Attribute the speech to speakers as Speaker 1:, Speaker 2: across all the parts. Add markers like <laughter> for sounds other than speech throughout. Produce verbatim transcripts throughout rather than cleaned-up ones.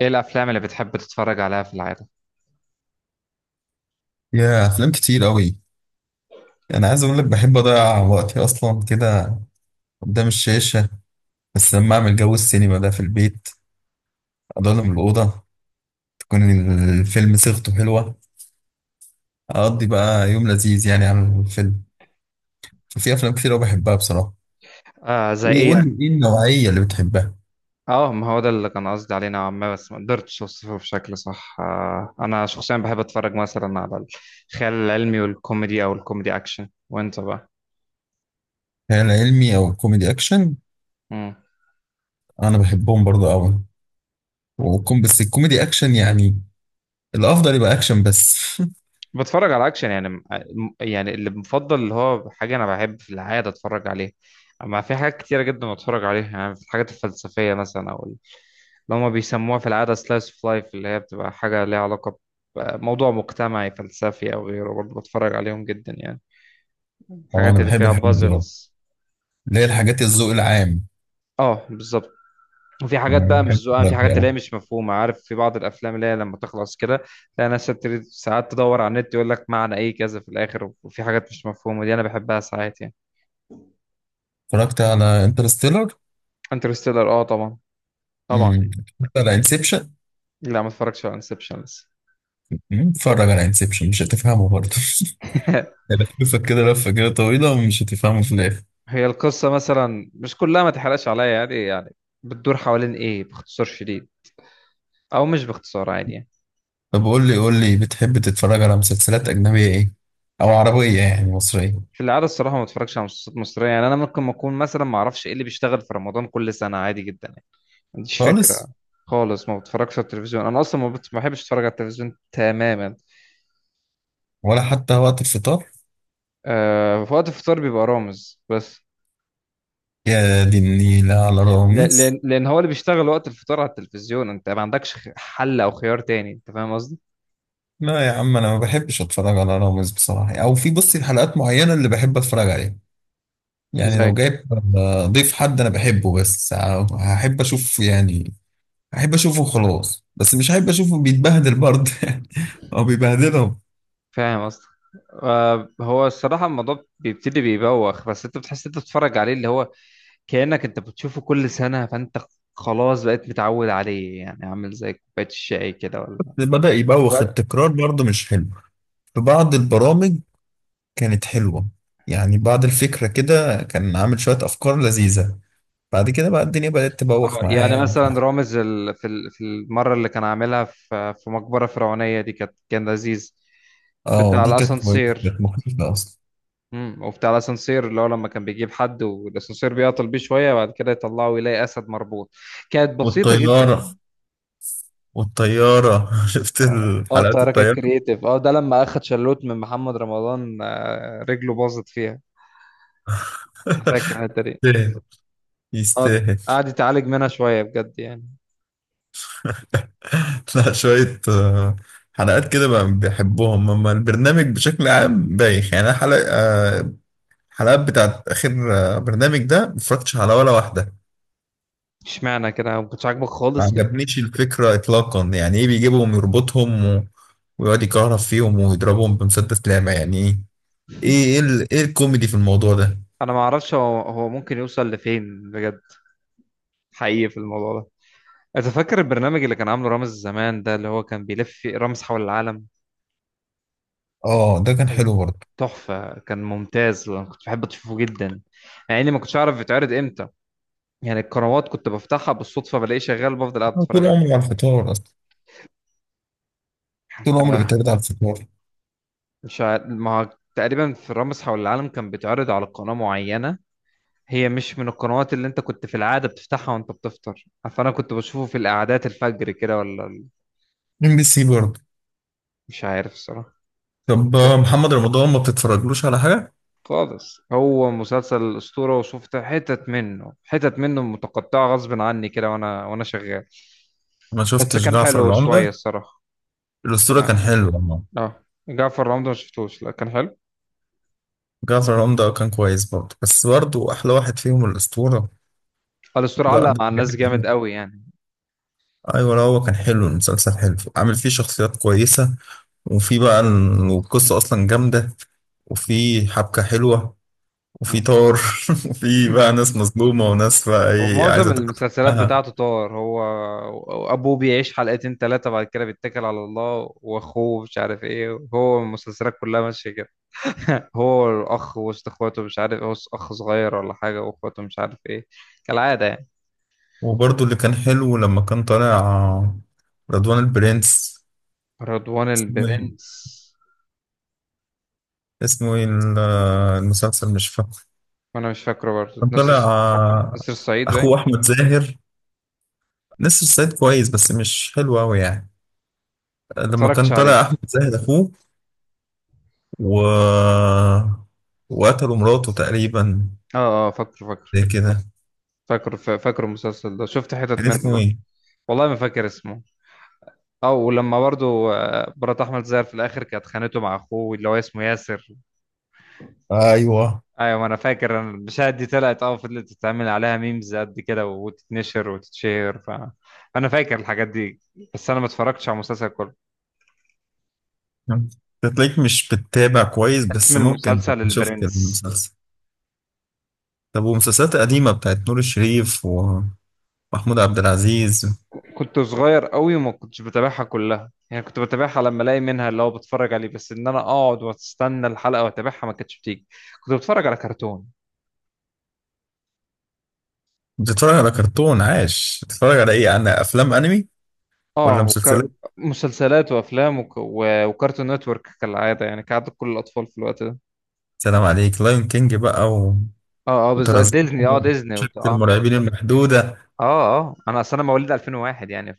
Speaker 1: ايه الافلام اللي بتحب تتفرج عليها في العاده؟
Speaker 2: يا افلام كتير قوي. انا عايز اقول لك بحب اضيع وقتي اصلا كده قدام الشاشه، بس لما اعمل جو السينما ده في البيت، اضلم الاوضه، تكون الفيلم صيغته حلوه، اقضي بقى يوم لذيذ يعني على الفيلم. ففي افلام كتير قوي بحبها بصراحه.
Speaker 1: آه، زي
Speaker 2: ايه،
Speaker 1: ايه
Speaker 2: قول
Speaker 1: يعني؟
Speaker 2: لي ايه النوعيه اللي بتحبها؟
Speaker 1: اه، ما هو ده اللي كان قصدي عليه نوعا ما، بس ما قدرتش اوصفه بشكل صح. آه انا شخصيا بحب اتفرج مثلا على الخيال العلمي والكوميدي او الكوميدي اكشن، وانت بقى؟
Speaker 2: خيال علمي او كوميدي اكشن،
Speaker 1: مم.
Speaker 2: انا بحبهم برضه قوي، وكم بس الكوميدي اكشن يعني، الافضل يبقى اكشن بس. <laughs>
Speaker 1: بتفرج على اكشن يعني م- يعني اللي مفضل اللي هو حاجه انا بحب في العاده اتفرج عليها. اما في حاجات كتيره جدا بتفرج عليها يعني، في الحاجات الفلسفيه مثلا اللي هما بيسموها في العادة slice of life، اللي هي بتبقى حاجة ليها علاقة بموضوع مجتمعي فلسفي أو غيره، برضه بتفرج عليهم جدا يعني،
Speaker 2: اه انا
Speaker 1: الحاجات اللي
Speaker 2: بحب
Speaker 1: فيها
Speaker 2: الحاجات دي أوي.
Speaker 1: بازلز.
Speaker 2: اللي هي الحاجات الذوق العام.
Speaker 1: اه، بالظبط. وفي حاجات
Speaker 2: يعني
Speaker 1: بقى مش
Speaker 2: بحب
Speaker 1: ذوقها، في
Speaker 2: الحاجات دي
Speaker 1: حاجات اللي هي
Speaker 2: أوي.
Speaker 1: مش مفهومة، عارف، في بعض الأفلام اللي هي لما تخلص كده تلاقي ناس بتبتدي ساعات تدور على النت يقول لك معنى إيه كذا في الآخر، وفي حاجات مش مفهومة دي أنا بحبها ساعات يعني.
Speaker 2: اتفرجت على انترستيلر.
Speaker 1: انترستيلر؟ اه طبعا، طبعا يعني.
Speaker 2: اتفرجت على انسبشن.
Speaker 1: لا، ما اتفرجتش على انسبشن لسه.
Speaker 2: اتفرج على انسبشن مش هتفهمه برضه.
Speaker 1: <laughs>
Speaker 2: <laughs> لفة كده لفة كده طويلة ومش هتفهمه في الآخر.
Speaker 1: هي القصة مثلا مش كلها، ما تحرقش عليا، يعني يعني بتدور حوالين ايه باختصار شديد، او مش باختصار عادي يعني.
Speaker 2: طب قول لي قول لي بتحب تتفرج على مسلسلات أجنبية إيه؟ أو عربية يعني مصرية؟
Speaker 1: في العادة الصراحة ما بتفرجش على مسلسلات مصرية يعني، انا ممكن ما اكون مثلا ما اعرفش ايه اللي بيشتغل في رمضان كل سنة، عادي جدا يعني، ما عنديش فكرة
Speaker 2: خالص؟
Speaker 1: خالص. ما بتفرجش على التلفزيون، انا اصلا ما بت- ما بحبش اتفرج على التلفزيون تماما.
Speaker 2: ولا حتى وقت الفطار؟
Speaker 1: آه، في وقت الفطار بيبقى رامز بس.
Speaker 2: يا دي النيلة على
Speaker 1: ل-
Speaker 2: رامز.
Speaker 1: لان لان هو اللي بيشتغل وقت الفطار على التلفزيون، انت ما عندكش خ- حل او خيار تاني، انت فاهم قصدي؟
Speaker 2: لا يا عم، أنا ما بحبش أتفرج على رامز بصراحة، أو في بصي حلقات معينة اللي بحب أتفرج عليها. يعني
Speaker 1: زي.
Speaker 2: لو جايب آه، ضيف حد أنا بحبه، بس آه، هحب أشوف يعني. احب اشوفه خلاص، بس مش احب اشوفه بيتبهدل برضه. <laughs> او بيبهدلهم.
Speaker 1: فاهم قصدك. آه، هو الصراحة الموضوع بيبتدي بيبوخ، بس انت بتحس انت بتتفرج عليه، اللي هو كأنك انت بتشوفه كل سنة، فانت خلاص بقيت متعود عليه يعني، عامل زي كوباية الشاي كده ولا
Speaker 2: بدأ يبوخ،
Speaker 1: ولا
Speaker 2: التكرار برضه مش حلو في بعض البرامج. كانت حلوة يعني، بعض الفكرة كده كان عامل شوية افكار لذيذة، بعد كده بقى الدنيا بدأت
Speaker 1: آه،
Speaker 2: تبوخ معاه
Speaker 1: يعني
Speaker 2: يعني مش
Speaker 1: مثلا
Speaker 2: عارف.
Speaker 1: رامز ال... في ال... في المرة اللي كان عاملها في في مقبرة فرعونية دي كانت كان لذيذ،
Speaker 2: اه
Speaker 1: بتاع
Speaker 2: دي كانت كويسة، كانت
Speaker 1: الأسانسير.
Speaker 2: مخيفة اصلا.
Speaker 1: مم. وبتاع الأسانسير اللي هو لما كان بيجيب حد والأسانسير بيعطل بيه شوية، وبعد كده يطلعه يلاقي أسد مربوط، كانت بسيطة جدا.
Speaker 2: والطيارة، والطيارة. <laughs> شفت
Speaker 1: اه، آه،
Speaker 2: الحلقات
Speaker 1: التحرك
Speaker 2: الطيارة؟
Speaker 1: الكرييتيف، اه ده لما اخد شلوت من محمد رمضان، آه، رجله باظت فيها، انا فاكر الحته دي.
Speaker 2: <laughs>
Speaker 1: اه،
Speaker 2: يستاهل.
Speaker 1: قعد يتعالج منها شويه بجد يعني.
Speaker 2: <laughs> لا شوية آه، حلقات كده بقى بيحبوهم، أما البرنامج بشكل عام بايخ يعني. أنا حلقة آه، الحلقات بتاعت آخر آه، برنامج ده مفرجتش على ولا واحدة.
Speaker 1: اشمعنى كده، ما كنتش عاجبك
Speaker 2: ما
Speaker 1: خالص كده؟
Speaker 2: عجبنيش الفكرة إطلاقا. يعني إيه بيجيبهم يربطهم و... ويقعد يكهرب فيهم ويضربهم بمسدس لامع؟ يعني إيه؟ إيه إيه,
Speaker 1: <laughs>
Speaker 2: ال... إيه الكوميدي في الموضوع ده؟
Speaker 1: انا ما اعرفش هو هو ممكن يوصل لفين بجد، حقيقي في الموضوع ده. انت فاكر البرنامج اللي كان عامله رامز زمان ده اللي هو كان بيلف فيه- رامز حول العالم؟
Speaker 2: آه ده كان حلو برضه.
Speaker 1: تحفه، كان ممتاز، انا كنت بحب اشوفه جدا، مع اني ما كنتش اعرف بيتعرض امتى يعني، القنوات كنت بفتحها بالصدفه بلاقيه شغال، بفضل قاعد
Speaker 2: أنا طول
Speaker 1: اتفرج
Speaker 2: عمري على الفطار أصلا، طول عمري
Speaker 1: عليه.
Speaker 2: بتابع على الفطار.
Speaker 1: مش عارف، ما هو تقريبا في رامز حول العالم كان بيتعرض على قناة معينة، هي مش من القنوات اللي انت كنت في العادة بتفتحها وانت بتفطر، فانا كنت بشوفه في القعدات الفجر كده ولا ال-
Speaker 2: ام بي سي برضه.
Speaker 1: مش عارف الصراحة.
Speaker 2: طب
Speaker 1: ف-
Speaker 2: آه، محمد رمضان ما بتتفرجلوش على حاجة؟
Speaker 1: خالص، هو مسلسل أسطورة، وشفت حتت منه حتت منه متقطعة غصب عني كده وانا وانا شغال،
Speaker 2: ما
Speaker 1: بس
Speaker 2: شفتش
Speaker 1: كان
Speaker 2: جعفر
Speaker 1: حلو شوية
Speaker 2: العمدة؟
Speaker 1: الصراحة. كان
Speaker 2: الأسطورة كان
Speaker 1: عارف.
Speaker 2: حلو والله.
Speaker 1: اه. جعفر رمضان ما شفتوش، لا كان حلو.
Speaker 2: جعفر العمدة كان كويس برضه، بس برضه أحلى واحد فيهم الأسطورة.
Speaker 1: الأسطورة
Speaker 2: لا
Speaker 1: علق
Speaker 2: ده
Speaker 1: مع الناس
Speaker 2: بجد
Speaker 1: جامد
Speaker 2: حلو.
Speaker 1: قوي يعني.
Speaker 2: أيوة، لا هو كان حلو، المسلسل حلو، عامل فيه شخصيات كويسة، وفي بقى ال- والقصة أصلا جامدة، وفي حبكة حلوة، وفي
Speaker 1: مم.
Speaker 2: طار. <laughs> وفي بقى
Speaker 1: <clears throat> <laughs>
Speaker 2: ناس مظلومة وناس بقى إيه،
Speaker 1: ومعظم
Speaker 2: عايزة تاخد
Speaker 1: المسلسلات
Speaker 2: حقها.
Speaker 1: بتاعته طار هو، ابوه بيعيش حلقتين ثلاثة بعد كده بيتكل على الله، واخوه مش عارف ايه، هو المسلسلات كلها ماشية كده. <laughs> هو الاخ وسط اخواته، مش عارف هو اخ صغير ولا حاجة، واخواته مش عارف ايه، كالعادة يعني.
Speaker 2: وبرضه اللي كان حلو لما كان طالع رضوان البرنس.
Speaker 1: رضوان
Speaker 2: اسمه إيه؟
Speaker 1: البرنس.
Speaker 2: اسمه إيه ال- المسلسل مش فاكر.
Speaker 1: وانا مش فاكره برضه،
Speaker 2: كان طلع
Speaker 1: نصر
Speaker 2: آه،
Speaker 1: نصر الصعيد
Speaker 2: اخوه
Speaker 1: باين.
Speaker 2: احمد زاهر. نسر الصعيد كويس، بس مش حلو قوي يعني.
Speaker 1: ما
Speaker 2: لما
Speaker 1: اتفرجتش
Speaker 2: كان طلع
Speaker 1: عليه.
Speaker 2: احمد زاهر اخوه و... وقتلوا مراته تقريبا،
Speaker 1: اه، اه، فاكره، فاكره.
Speaker 2: زي كده.
Speaker 1: فاكره، ف- فاكره المسلسل ده، شفت حتت
Speaker 2: كان
Speaker 1: منه
Speaker 2: اسمه
Speaker 1: برضه.
Speaker 2: ايه؟
Speaker 1: والله ما فاكر اسمه. اه، ولما برضو آه، مرات احمد زاهر في الاخر كانت خانته مع اخوه اللي هو اسمه ياسر.
Speaker 2: ايوه.
Speaker 1: ايوه، ما انا فاكر، انا المشاهد دي طلعت اه فضلت تتعمل عليها ميمز قد كده وتتنشر وتتشير ف... فانا فاكر الحاجات دي، بس انا ما اتفرجتش على المسلسل كله.
Speaker 2: أنت تلاقيك مش بتتابع كويس،
Speaker 1: اسم
Speaker 2: بس ممكن
Speaker 1: المسلسل
Speaker 2: تبقى شفت
Speaker 1: البرنس.
Speaker 2: المسلسل. طب ومسلسلات قديمة بتاعت نور الشريف ومحمود عبد العزيز؟
Speaker 1: كنت صغير قوي وما كنتش بتابعها كلها يعني، كنت بتابعها لما الاقي منها اللي هو بتفرج عليه، بس ان انا اقعد واستنى الحلقه واتابعها ما كانتش بتيجي. كنت بتفرج على كرتون.
Speaker 2: بتتفرج على كرتون؟ عاش. بتتفرج على ايه، على افلام انمي ولا
Speaker 1: اه، وكر...
Speaker 2: مسلسلات؟
Speaker 1: مسلسلات وافلام وك... و... وكارتون نتورك كالعاده يعني، كعادة كل الاطفال في الوقت ده.
Speaker 2: سلام عليك، لايون كينج بقى،
Speaker 1: اه، اه، بالظبط، ديزني اه
Speaker 2: وترزمون،
Speaker 1: ديزني وت...
Speaker 2: شركة
Speaker 1: اه
Speaker 2: المرعبين المحدودة.
Speaker 1: اه، اه، انا اصل انا مواليد ألفين و واحد يعني ف...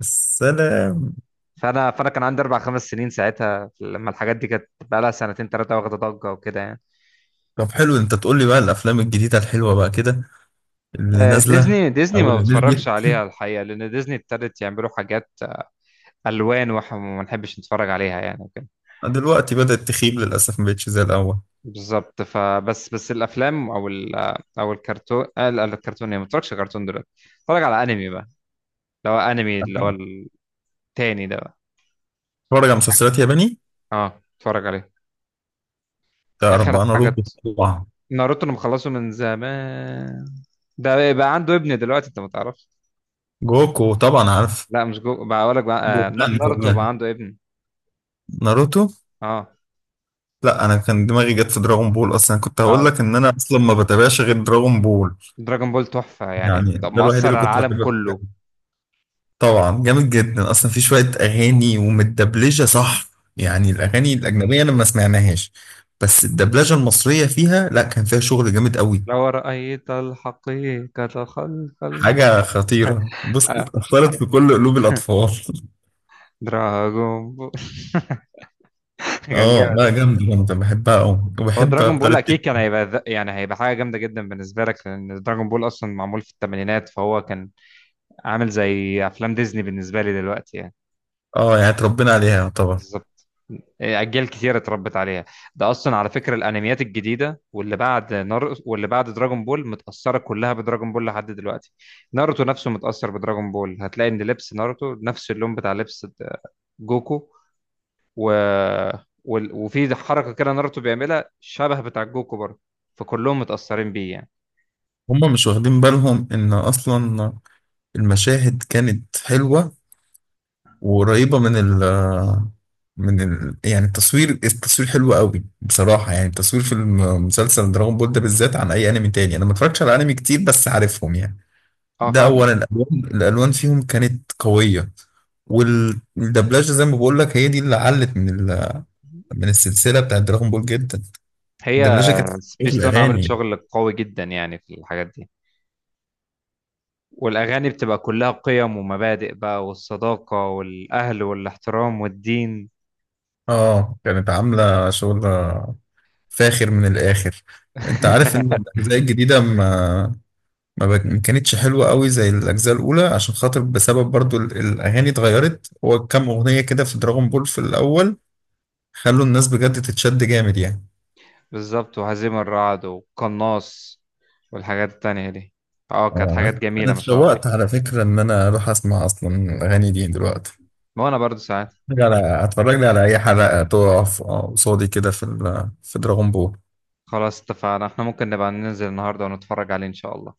Speaker 2: السلام.
Speaker 1: فانا فانا كان عندي اربع خمس سنين ساعتها لما الحاجات دي كانت بقى لها سنتين ثلاثه واخده ضجه وكده يعني.
Speaker 2: طب حلو، انت تقول لي بقى الافلام الجديدة الحلوة بقى كده، اللي
Speaker 1: آه،
Speaker 2: نازلة
Speaker 1: ديزني ديزني
Speaker 2: او
Speaker 1: ما
Speaker 2: اللي
Speaker 1: بتفرجش
Speaker 2: نزلت.
Speaker 1: عليها الحقيقه، لان ديزني ابتدت يعملوا حاجات الوان واحنا ما بنحبش نتفرج عليها يعني.
Speaker 2: دلوقتي بدأت تخيب للاسف، ما بقتش زي الاول.
Speaker 1: بالظبط، فبس بس الافلام او ال او الكرتون، آه، لا، الكرتون يعني ما بتفرجش كرتون دلوقتي، اتفرج على انمي بقى، اللي هو انمي اللي هو التاني ده بقى.
Speaker 2: اتفرج على مسلسلات ياباني؟
Speaker 1: اه، اتفرج عليه،
Speaker 2: تعرف
Speaker 1: اخر
Speaker 2: بقى
Speaker 1: حاجه.
Speaker 2: ناروتو طبعا.
Speaker 1: ناروتو انا مخلصه من زمان، ده بقى عنده ابن دلوقتي، انت ما تعرفش.
Speaker 2: جوكو طبعا عارف.
Speaker 1: لا، مش جو، بقول لك بقى، آه، نا-
Speaker 2: جوكان
Speaker 1: ناروتو بقى
Speaker 2: كمان.
Speaker 1: عنده ابن.
Speaker 2: ناروتو.
Speaker 1: اه،
Speaker 2: لا انا كان دماغي جت في دراغون بول، اصلا كنت هقول
Speaker 1: اه.
Speaker 2: لك ان انا اصلا ما بتابعش غير دراغون بول.
Speaker 1: دراجون بول تحفه يعني،
Speaker 2: يعني ده الوحيد
Speaker 1: مؤثر
Speaker 2: اللي
Speaker 1: على
Speaker 2: كنت
Speaker 1: العالم
Speaker 2: بحبه.
Speaker 1: كله.
Speaker 2: طبعا جامد جدا اصلا، في شويه اغاني ومتدبلجه صح. يعني
Speaker 1: مم.
Speaker 2: الاغاني الاجنبيه انا ما سمعناهاش، بس الدبلجه المصريه فيها، لا كان فيها شغل جامد قوي.
Speaker 1: لو رأيت الحقيقة خلف الم...
Speaker 2: حاجه خطيره، بص
Speaker 1: آه.
Speaker 2: اتأثرت في كل قلوب الاطفال. <laughs>
Speaker 1: دراغون بول. <laughs> <laughs> كان
Speaker 2: اه لا،
Speaker 1: جامد.
Speaker 2: جامده جامده، بحبها قوي.
Speaker 1: هو
Speaker 2: وبحب
Speaker 1: دراجون بول
Speaker 2: طريقه.
Speaker 1: اكيد كان هيبقى ذ- يعني هيبقى حاجه جامده جدا بالنسبه لك، لان دراجون بول اصلا معمول في الثمانينات، فهو كان عامل زي افلام ديزني بالنسبه لي دلوقتي يعني.
Speaker 2: اه يعني اتربينا عليها يعتبر.
Speaker 1: بالظبط. إيه، اجيال كتيره اتربت عليها. ده اصلا على فكره الانميات الجديده واللي بعد نار واللي بعد دراجون بول متاثره كلها بدراجون بول لحد دلوقتي. ناروتو نفسه متاثر بدراجون بول، هتلاقي ان لبس ناروتو نفس اللون بتاع لبس جوكو، و... وال- وفي حركه كده ناروتو بيعملها شبه بتاع جوكو برضه، فكلهم متاثرين بيه يعني.
Speaker 2: هما مش واخدين بالهم ان اصلا المشاهد كانت حلوه، وقريبة من ال، من ال يعني التصوير، التصوير حلو قوي بصراحة. يعني التصوير في المسلسل دراغون بول ده بالذات عن أي أنمي تاني. أنا ما اتفرجتش على أنمي كتير بس عارفهم يعني.
Speaker 1: اه،
Speaker 2: ده
Speaker 1: فاهم.
Speaker 2: أولا الألوان، الألوان فيهم كانت قوية. والدبلجة زي ما بقول لك، هي دي اللي علت من ال، من السلسلة بتاعت دراغون بول جدا.
Speaker 1: هي
Speaker 2: الدبلجة كانت إيه،
Speaker 1: سبيستون عملت
Speaker 2: الأغاني.
Speaker 1: شغل قوي جدا يعني في الحاجات دي. والأغاني بتبقى كلها قيم ومبادئ بقى، والصداقة والأهل والاحترام والدين.
Speaker 2: اه كانت عاملة شغل فاخر من الآخر. انت عارف ان
Speaker 1: <laughs>
Speaker 2: الاجزاء الجديده ما ما بك- ما كانتش حلوة قوي زي الأجزاء الأولى، عشان خاطر، بسبب برضو ال- الأغاني اتغيرت. هو كام أغنية كده في دراغون بول في الأول خلوا الناس بجد تتشد جامد يعني.
Speaker 1: بالظبط، وهزيم الرعد والقناص والحاجات التانية دي، اه
Speaker 2: آه،
Speaker 1: كانت حاجات
Speaker 2: أنا أنا
Speaker 1: جميلة ما شاء الله.
Speaker 2: اتشوقت على فكرة إن أنا أروح أسمع أصلا الأغاني دي دلوقتي.
Speaker 1: وأنا برضو ساعات.
Speaker 2: أتفرج على هتفرج لي على أي حلقة تقف آه، قصادي كده في ال- في دراغون بول.
Speaker 1: خلاص، اتفقنا، احنا ممكن نبقى ننزل النهاردة ونتفرج عليه إن شاء الله.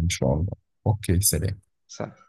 Speaker 2: إن شاء الله. أوكي، سلام.
Speaker 1: سلام.